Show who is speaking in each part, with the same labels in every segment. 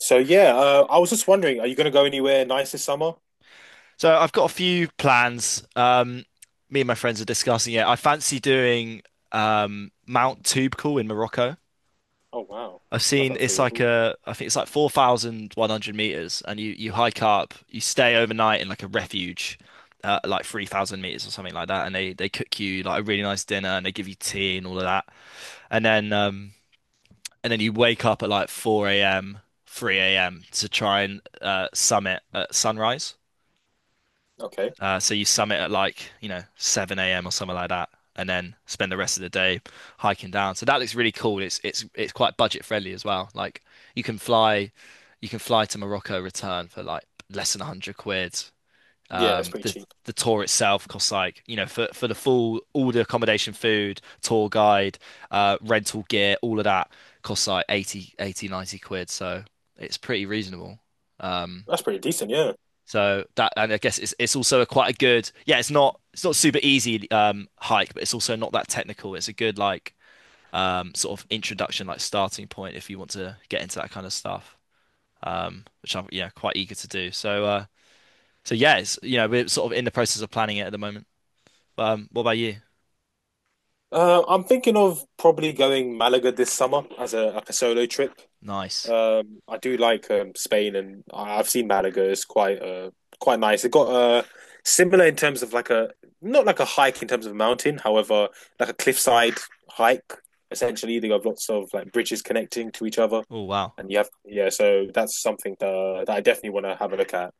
Speaker 1: So yeah, I was just wondering, are you going to go anywhere nice this summer?
Speaker 2: So I've got a few plans. Me and my friends are discussing it. I fancy doing Mount Toubkal in Morocco.
Speaker 1: Oh wow,
Speaker 2: I've
Speaker 1: that
Speaker 2: seen
Speaker 1: sounds
Speaker 2: it's
Speaker 1: really cool.
Speaker 2: I think it's like 4,100 meters, and you hike up, you stay overnight in like a refuge, like 3,000 meters or something like that, and they cook you like a really nice dinner, and they give you tea and all of that, and then um, and then you wake up at like 4 a.m., 3 a.m. to try and summit at sunrise.
Speaker 1: Okay,
Speaker 2: So you summit at like, 7 a.m. or something like that, and then spend the rest of the day hiking down. So that looks really cool. It's quite budget friendly as well. Like you can fly, you can fly to Morocco, return for like less than 100 quid.
Speaker 1: yeah, it's
Speaker 2: Um,
Speaker 1: pretty
Speaker 2: the
Speaker 1: cheap.
Speaker 2: the tour itself costs like, for the full all the accommodation, food, tour guide, rental gear, all of that costs like 80, 80, 90 quid. So it's pretty reasonable. Um,
Speaker 1: That's pretty decent, yeah.
Speaker 2: so that, and I guess it's also a quite a good, yeah, it's not super easy hike, but it's also not that technical. It's a good like sort of introduction, like starting point if you want to get into that kind of stuff. Which I'm, yeah, quite eager to do. So yeah, it's we're sort of in the process of planning it at the moment. What about you?
Speaker 1: I'm thinking of probably going Malaga this summer as a like a solo trip.
Speaker 2: Nice.
Speaker 1: I do like Spain, and I've seen Malaga. It's quite nice. It got similar in terms of like a not like a hike in terms of a mountain, however, like a cliffside hike. Essentially, they have lots of like bridges connecting to each other.
Speaker 2: Oh wow.
Speaker 1: And you have, yeah. So that's something that I definitely want to have a look at.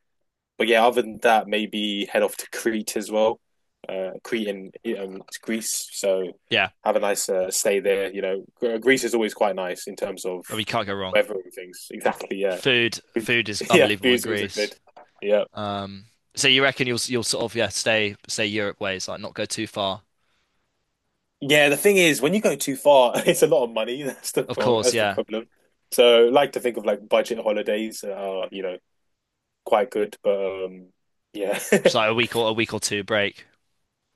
Speaker 1: But yeah, other than that, maybe head off to Crete as well. Crete and Greece, so
Speaker 2: Yeah,
Speaker 1: have a nice stay there. You know, Greece is always quite nice in terms of
Speaker 2: I mean, can't go wrong.
Speaker 1: weather and things. Exactly, yeah.
Speaker 2: Food food is
Speaker 1: Yeah.
Speaker 2: unbelievable in
Speaker 1: Food's also
Speaker 2: Greece.
Speaker 1: good. Yeah,
Speaker 2: Um, so you reckon you'll sort of, yeah, stay Europe ways, like, not go too far.
Speaker 1: yeah. The thing is, when you go too far, it's a lot of money. That's the
Speaker 2: Of
Speaker 1: wrong,
Speaker 2: course,
Speaker 1: that's the
Speaker 2: yeah.
Speaker 1: problem. So, I like to think of like budget holidays are quite good, but yeah.
Speaker 2: Just like a week or two break.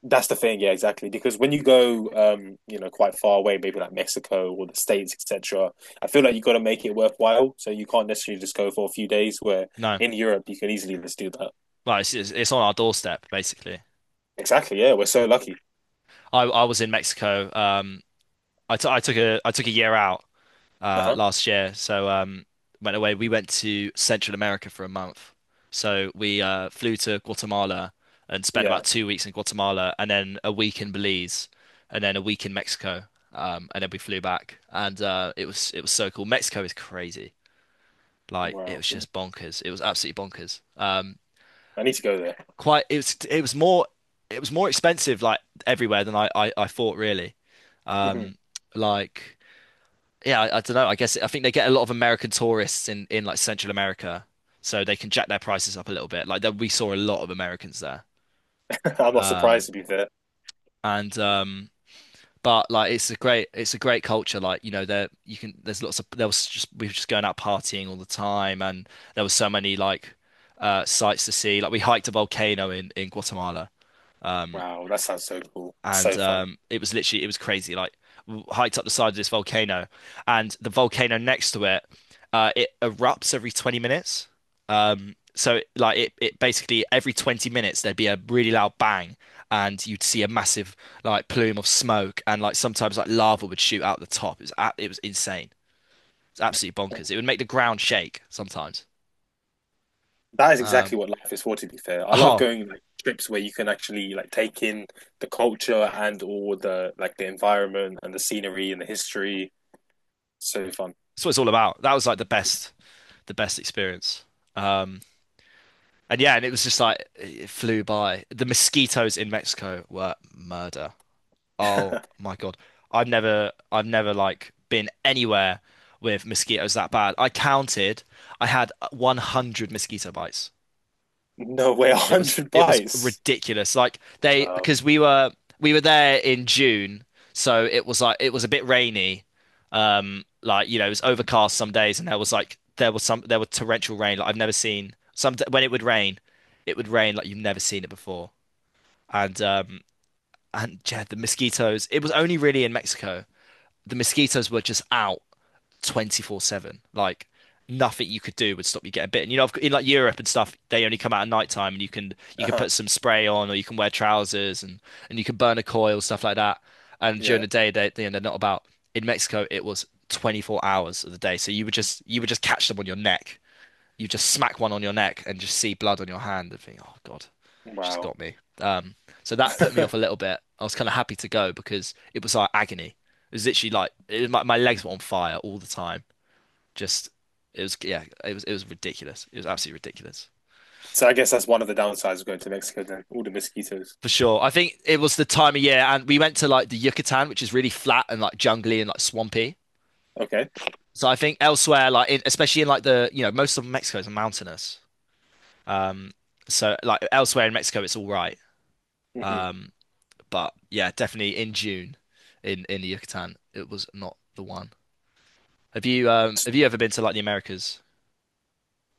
Speaker 1: That's the thing, yeah, exactly. Because when you go, quite far away, maybe like Mexico or the States, etc., I feel like you got to make it worthwhile. So you can't necessarily just go for a few days. Where
Speaker 2: No,
Speaker 1: in Europe, you can easily just do that.
Speaker 2: like it's on our doorstep basically.
Speaker 1: Exactly, yeah. We're so lucky.
Speaker 2: I was in Mexico. I took a year out
Speaker 1: Uh huh.
Speaker 2: last year, so went away. We went to Central America for a month. So we flew to Guatemala and spent
Speaker 1: Yeah.
Speaker 2: about 2 weeks in Guatemala, and then a week in Belize, and then a week in Mexico. And then we flew back, and it was so cool. Mexico is crazy. Like, it
Speaker 1: Wow.
Speaker 2: was just bonkers. It was absolutely bonkers.
Speaker 1: I need to go there.
Speaker 2: Quite it was more expensive like everywhere than I thought, really. Um, like, yeah, I don't know. I guess I think they get a lot of American tourists in like Central America, so they can jack their prices up a little bit. Like that, we saw a lot of Americans there.
Speaker 1: I'm not surprised
Speaker 2: Um,
Speaker 1: to be there.
Speaker 2: and but like, it's a great culture. Like, there you can there's lots of there was just we were just going out partying all the time, and there was so many like sights to see. Like we hiked a volcano in Guatemala. Um,
Speaker 1: Wow, that sounds so cool.
Speaker 2: and
Speaker 1: So fun.
Speaker 2: It was literally, it was crazy. Like, hiked up the side of this volcano, and the volcano next to it, it erupts every 20 minutes. So like it basically every 20 minutes there'd be a really loud bang, and you'd see a massive, like, plume of smoke, and like sometimes like lava would shoot out the top. It was insane. It's absolutely bonkers. It would make the ground shake sometimes.
Speaker 1: That is
Speaker 2: Um,
Speaker 1: exactly what life is for, to be fair. I love
Speaker 2: oh,
Speaker 1: going like trips where you can actually like take in the culture and all the like the environment and the scenery and the history. So fun.
Speaker 2: that's what it's all about. That was like the best, the best experience. Um, And, yeah, and it was just like it flew by. The mosquitoes in Mexico were murder. Oh my God. I've never like been anywhere with mosquitoes that bad. I counted, I had 100 mosquito bites.
Speaker 1: No way, a
Speaker 2: It was
Speaker 1: hundred
Speaker 2: it was
Speaker 1: bites.
Speaker 2: ridiculous. Like, they
Speaker 1: Wow.
Speaker 2: because we were there in June, so it was like it was a bit rainy. Like, it was overcast some days, and there was torrential rain. Like, I've never seen some when it would rain like you've never seen it before. And um and, yeah, the mosquitoes. It was only really in Mexico. The mosquitoes were just out. 24/7. Like, nothing you could do would stop you getting bitten. In like Europe and stuff, they only come out at night time, and you can
Speaker 1: Uh-huh.
Speaker 2: put some spray on, or you can wear trousers, and you can burn a coil, stuff like that. And during
Speaker 1: Yeah.
Speaker 2: the day, they're not about. In Mexico, it was 24 hours of the day. So you would just catch them on your neck. You just smack one on your neck and just see blood on your hand and think, "Oh God, just
Speaker 1: Wow.
Speaker 2: got me." So that put me off a little bit. I was kind of happy to go because it was like agony. It was literally, like, it was, my legs were on fire all the time. Just, it was yeah, it was ridiculous. It was absolutely ridiculous.
Speaker 1: So I guess that's one of the downsides of going to Mexico then, all the mosquitoes.
Speaker 2: For sure. I think it was the time of year and we went to like the Yucatan, which is really flat and like jungly and like swampy.
Speaker 1: Okay.
Speaker 2: So I think elsewhere, especially in like the most of Mexico is mountainous. Um so like elsewhere in Mexico it's all right.
Speaker 1: Hmm.
Speaker 2: Um but yeah, definitely in June, in the Yucatan, it was not the one. Have you ever been to like the Americas?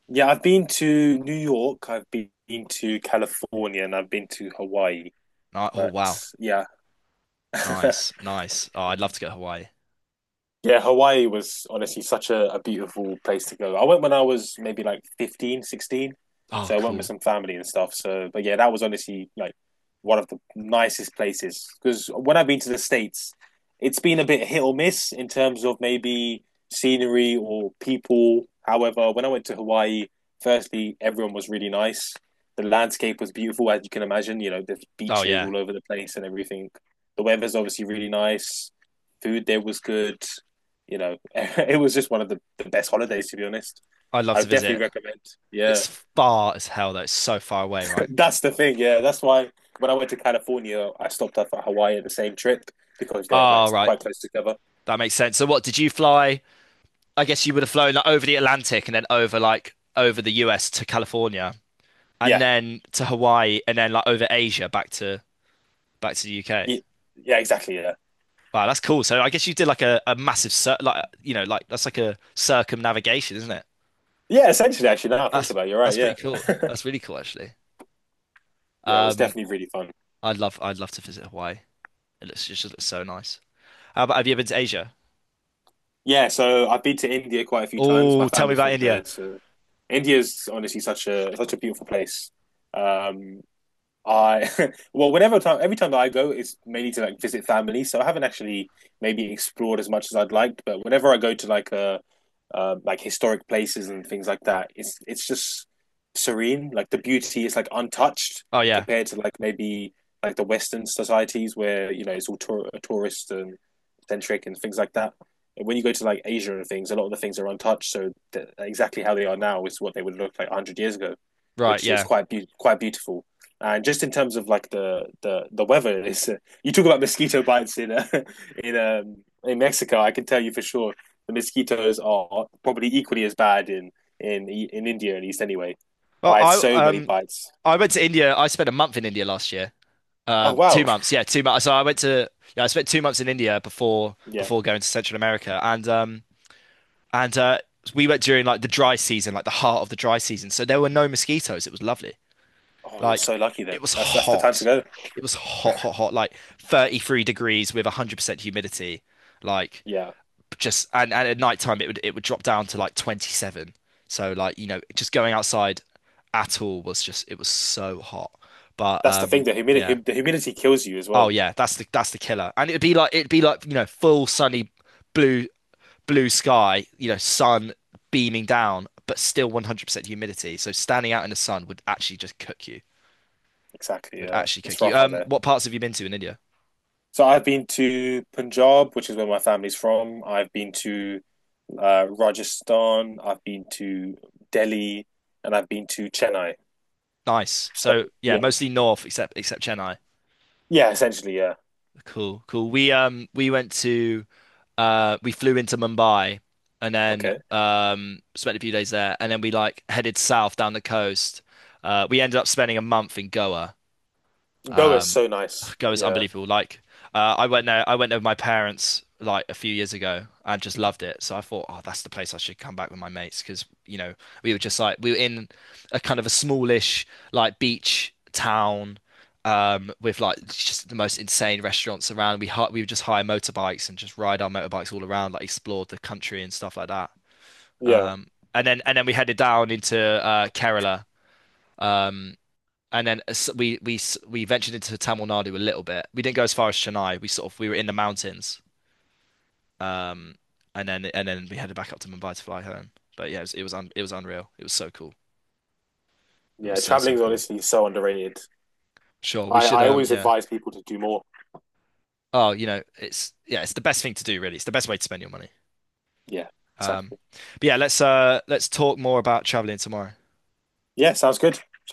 Speaker 1: Yeah, I've been to New York, I've been to California, and I've been to Hawaii.
Speaker 2: Oh
Speaker 1: But
Speaker 2: wow.
Speaker 1: yeah.
Speaker 2: Nice, nice. Oh, I'd love to go to Hawaii.
Speaker 1: Yeah, Hawaii was honestly such a beautiful place to go. I went when I was maybe like 15, 16.
Speaker 2: Oh,
Speaker 1: So I went with
Speaker 2: cool.
Speaker 1: some family and stuff. So, but yeah, that was honestly like one of the nicest places. Because when I've been to the States, it's been a bit hit or miss in terms of maybe scenery or people. However, when I went to Hawaii, firstly, everyone was really nice. The landscape was beautiful, as you can imagine. You know, there's
Speaker 2: Oh
Speaker 1: beaches
Speaker 2: yeah.
Speaker 1: all over the place and everything. The weather's obviously really nice. Food there was good. It was just one of the best holidays, to be honest.
Speaker 2: I'd love
Speaker 1: I
Speaker 2: to
Speaker 1: would definitely
Speaker 2: visit.
Speaker 1: recommend. Yeah,
Speaker 2: It's far as hell though. It's so far away, right?
Speaker 1: that's the thing. Yeah, that's why when I went to California, I stopped off at Hawaii at the same trip because they're like
Speaker 2: Ah, right.
Speaker 1: quite close together.
Speaker 2: That makes sense. So what did you fly? I guess you would have flown like over the Atlantic, and then over the US to California, and
Speaker 1: Yeah,
Speaker 2: then to Hawaii, and then like over Asia, back to the UK.
Speaker 1: yeah, yeah, exactly. Yeah,
Speaker 2: Wow, that's cool. So I guess you did like a massive cir like, like, that's like a circumnavigation, isn't it?
Speaker 1: yeah. Essentially, actually, now I think
Speaker 2: That's
Speaker 1: about it, you're right.
Speaker 2: that's pretty
Speaker 1: Yeah,
Speaker 2: cool. That's really cool, actually.
Speaker 1: yeah. It was
Speaker 2: Um,
Speaker 1: definitely really fun.
Speaker 2: I'd love to visit Hawaii. It just looks so nice. How about Have you ever been to Asia?
Speaker 1: Yeah, so I've been to India quite a few times. My
Speaker 2: Oh, tell me
Speaker 1: family's
Speaker 2: about
Speaker 1: from
Speaker 2: India.
Speaker 1: there, so India's honestly such a beautiful place. Um, I well, whenever time every time that I go, it's mainly to like visit family. So I haven't actually maybe explored as much as I'd liked. But whenever I go to like a like historic places and things like that, it's just serene. Like the beauty is like untouched
Speaker 2: Oh yeah,
Speaker 1: compared to like maybe like the Western societies where you know it's all tourist and centric and things like that. And when you go to like Asia and things, a lot of the things are untouched. So exactly how they are now is what they would look like a hundred years ago,
Speaker 2: right,
Speaker 1: which is
Speaker 2: yeah.
Speaker 1: quite beautiful. And just in terms of like the weather, is you talk about mosquito bites in in um in Mexico. I can tell you for sure the mosquitoes are probably equally as bad in India at least. Anyway,
Speaker 2: Well,
Speaker 1: I had
Speaker 2: I
Speaker 1: so many
Speaker 2: um
Speaker 1: bites.
Speaker 2: I went to India. I spent a month in India last year.
Speaker 1: Oh
Speaker 2: Two
Speaker 1: wow,
Speaker 2: months, yeah, 2 months. So I went to yeah, I spent 2 months in India
Speaker 1: yeah.
Speaker 2: before going to Central America, and we went during like the dry season, like the heart of the dry season. So there were no mosquitoes. It was lovely.
Speaker 1: Oh, you're
Speaker 2: Like
Speaker 1: so lucky then.
Speaker 2: it was
Speaker 1: That's the time to
Speaker 2: hot.
Speaker 1: go.
Speaker 2: It was hot, hot, hot. Like, 33 degrees with 100% humidity. Like,
Speaker 1: Yeah,
Speaker 2: just, and at night time it would drop down to like 27, so like, just going outside at all was just it was so hot. But
Speaker 1: that's the thing. The humidity
Speaker 2: yeah.
Speaker 1: the humidity kills you as
Speaker 2: Oh
Speaker 1: well.
Speaker 2: yeah, that's the killer. And it'd be like full sunny, blue blue sky, sun beaming down, but still 100% humidity, so standing out in the sun would actually just cook you.
Speaker 1: Exactly.
Speaker 2: Would actually
Speaker 1: It's
Speaker 2: cook you.
Speaker 1: rough out there.
Speaker 2: What parts have you been to in India?
Speaker 1: So I've been to Punjab, which is where my family's from. I've been to Rajasthan, I've been to Delhi, and I've been to Chennai.
Speaker 2: Nice.
Speaker 1: So
Speaker 2: So yeah,
Speaker 1: yeah,
Speaker 2: mostly north, except Chennai.
Speaker 1: yeah, essentially, yeah.
Speaker 2: Cool, cool. We went to we flew into Mumbai, and then
Speaker 1: Okay,
Speaker 2: spent a few days there, and then we, like, headed south down the coast. We ended up spending a month in Goa.
Speaker 1: Goa is
Speaker 2: Um,
Speaker 1: so nice.
Speaker 2: Go is
Speaker 1: Yeah,
Speaker 2: unbelievable. Like, I went there with my parents like a few years ago and just loved it. So I thought, oh, that's the place I should come back with my mates, because we were in a kind of a smallish, like, beach town, with like just the most insane restaurants around. We would just hire motorbikes and just ride our motorbikes all around, like, explored the country and stuff like that.
Speaker 1: yeah,
Speaker 2: Um, and then we headed down into Kerala. Um, and then we ventured into Tamil Nadu a little bit. We didn't go as far as Chennai. We sort of we were in the mountains, um, and then we headed back up to Mumbai to fly home. But yeah, it was unreal. It was so cool. It was
Speaker 1: yeah.
Speaker 2: so,
Speaker 1: Traveling
Speaker 2: so
Speaker 1: is
Speaker 2: cool.
Speaker 1: honestly so underrated.
Speaker 2: Sure, we
Speaker 1: I
Speaker 2: should,
Speaker 1: I always
Speaker 2: yeah.
Speaker 1: advise people to do more.
Speaker 2: Oh, it's yeah, it's the best thing to do, really. It's the best way to spend your money.
Speaker 1: Yeah,
Speaker 2: Um,
Speaker 1: exactly.
Speaker 2: but yeah, let's talk more about traveling tomorrow.
Speaker 1: Yeah, sounds good.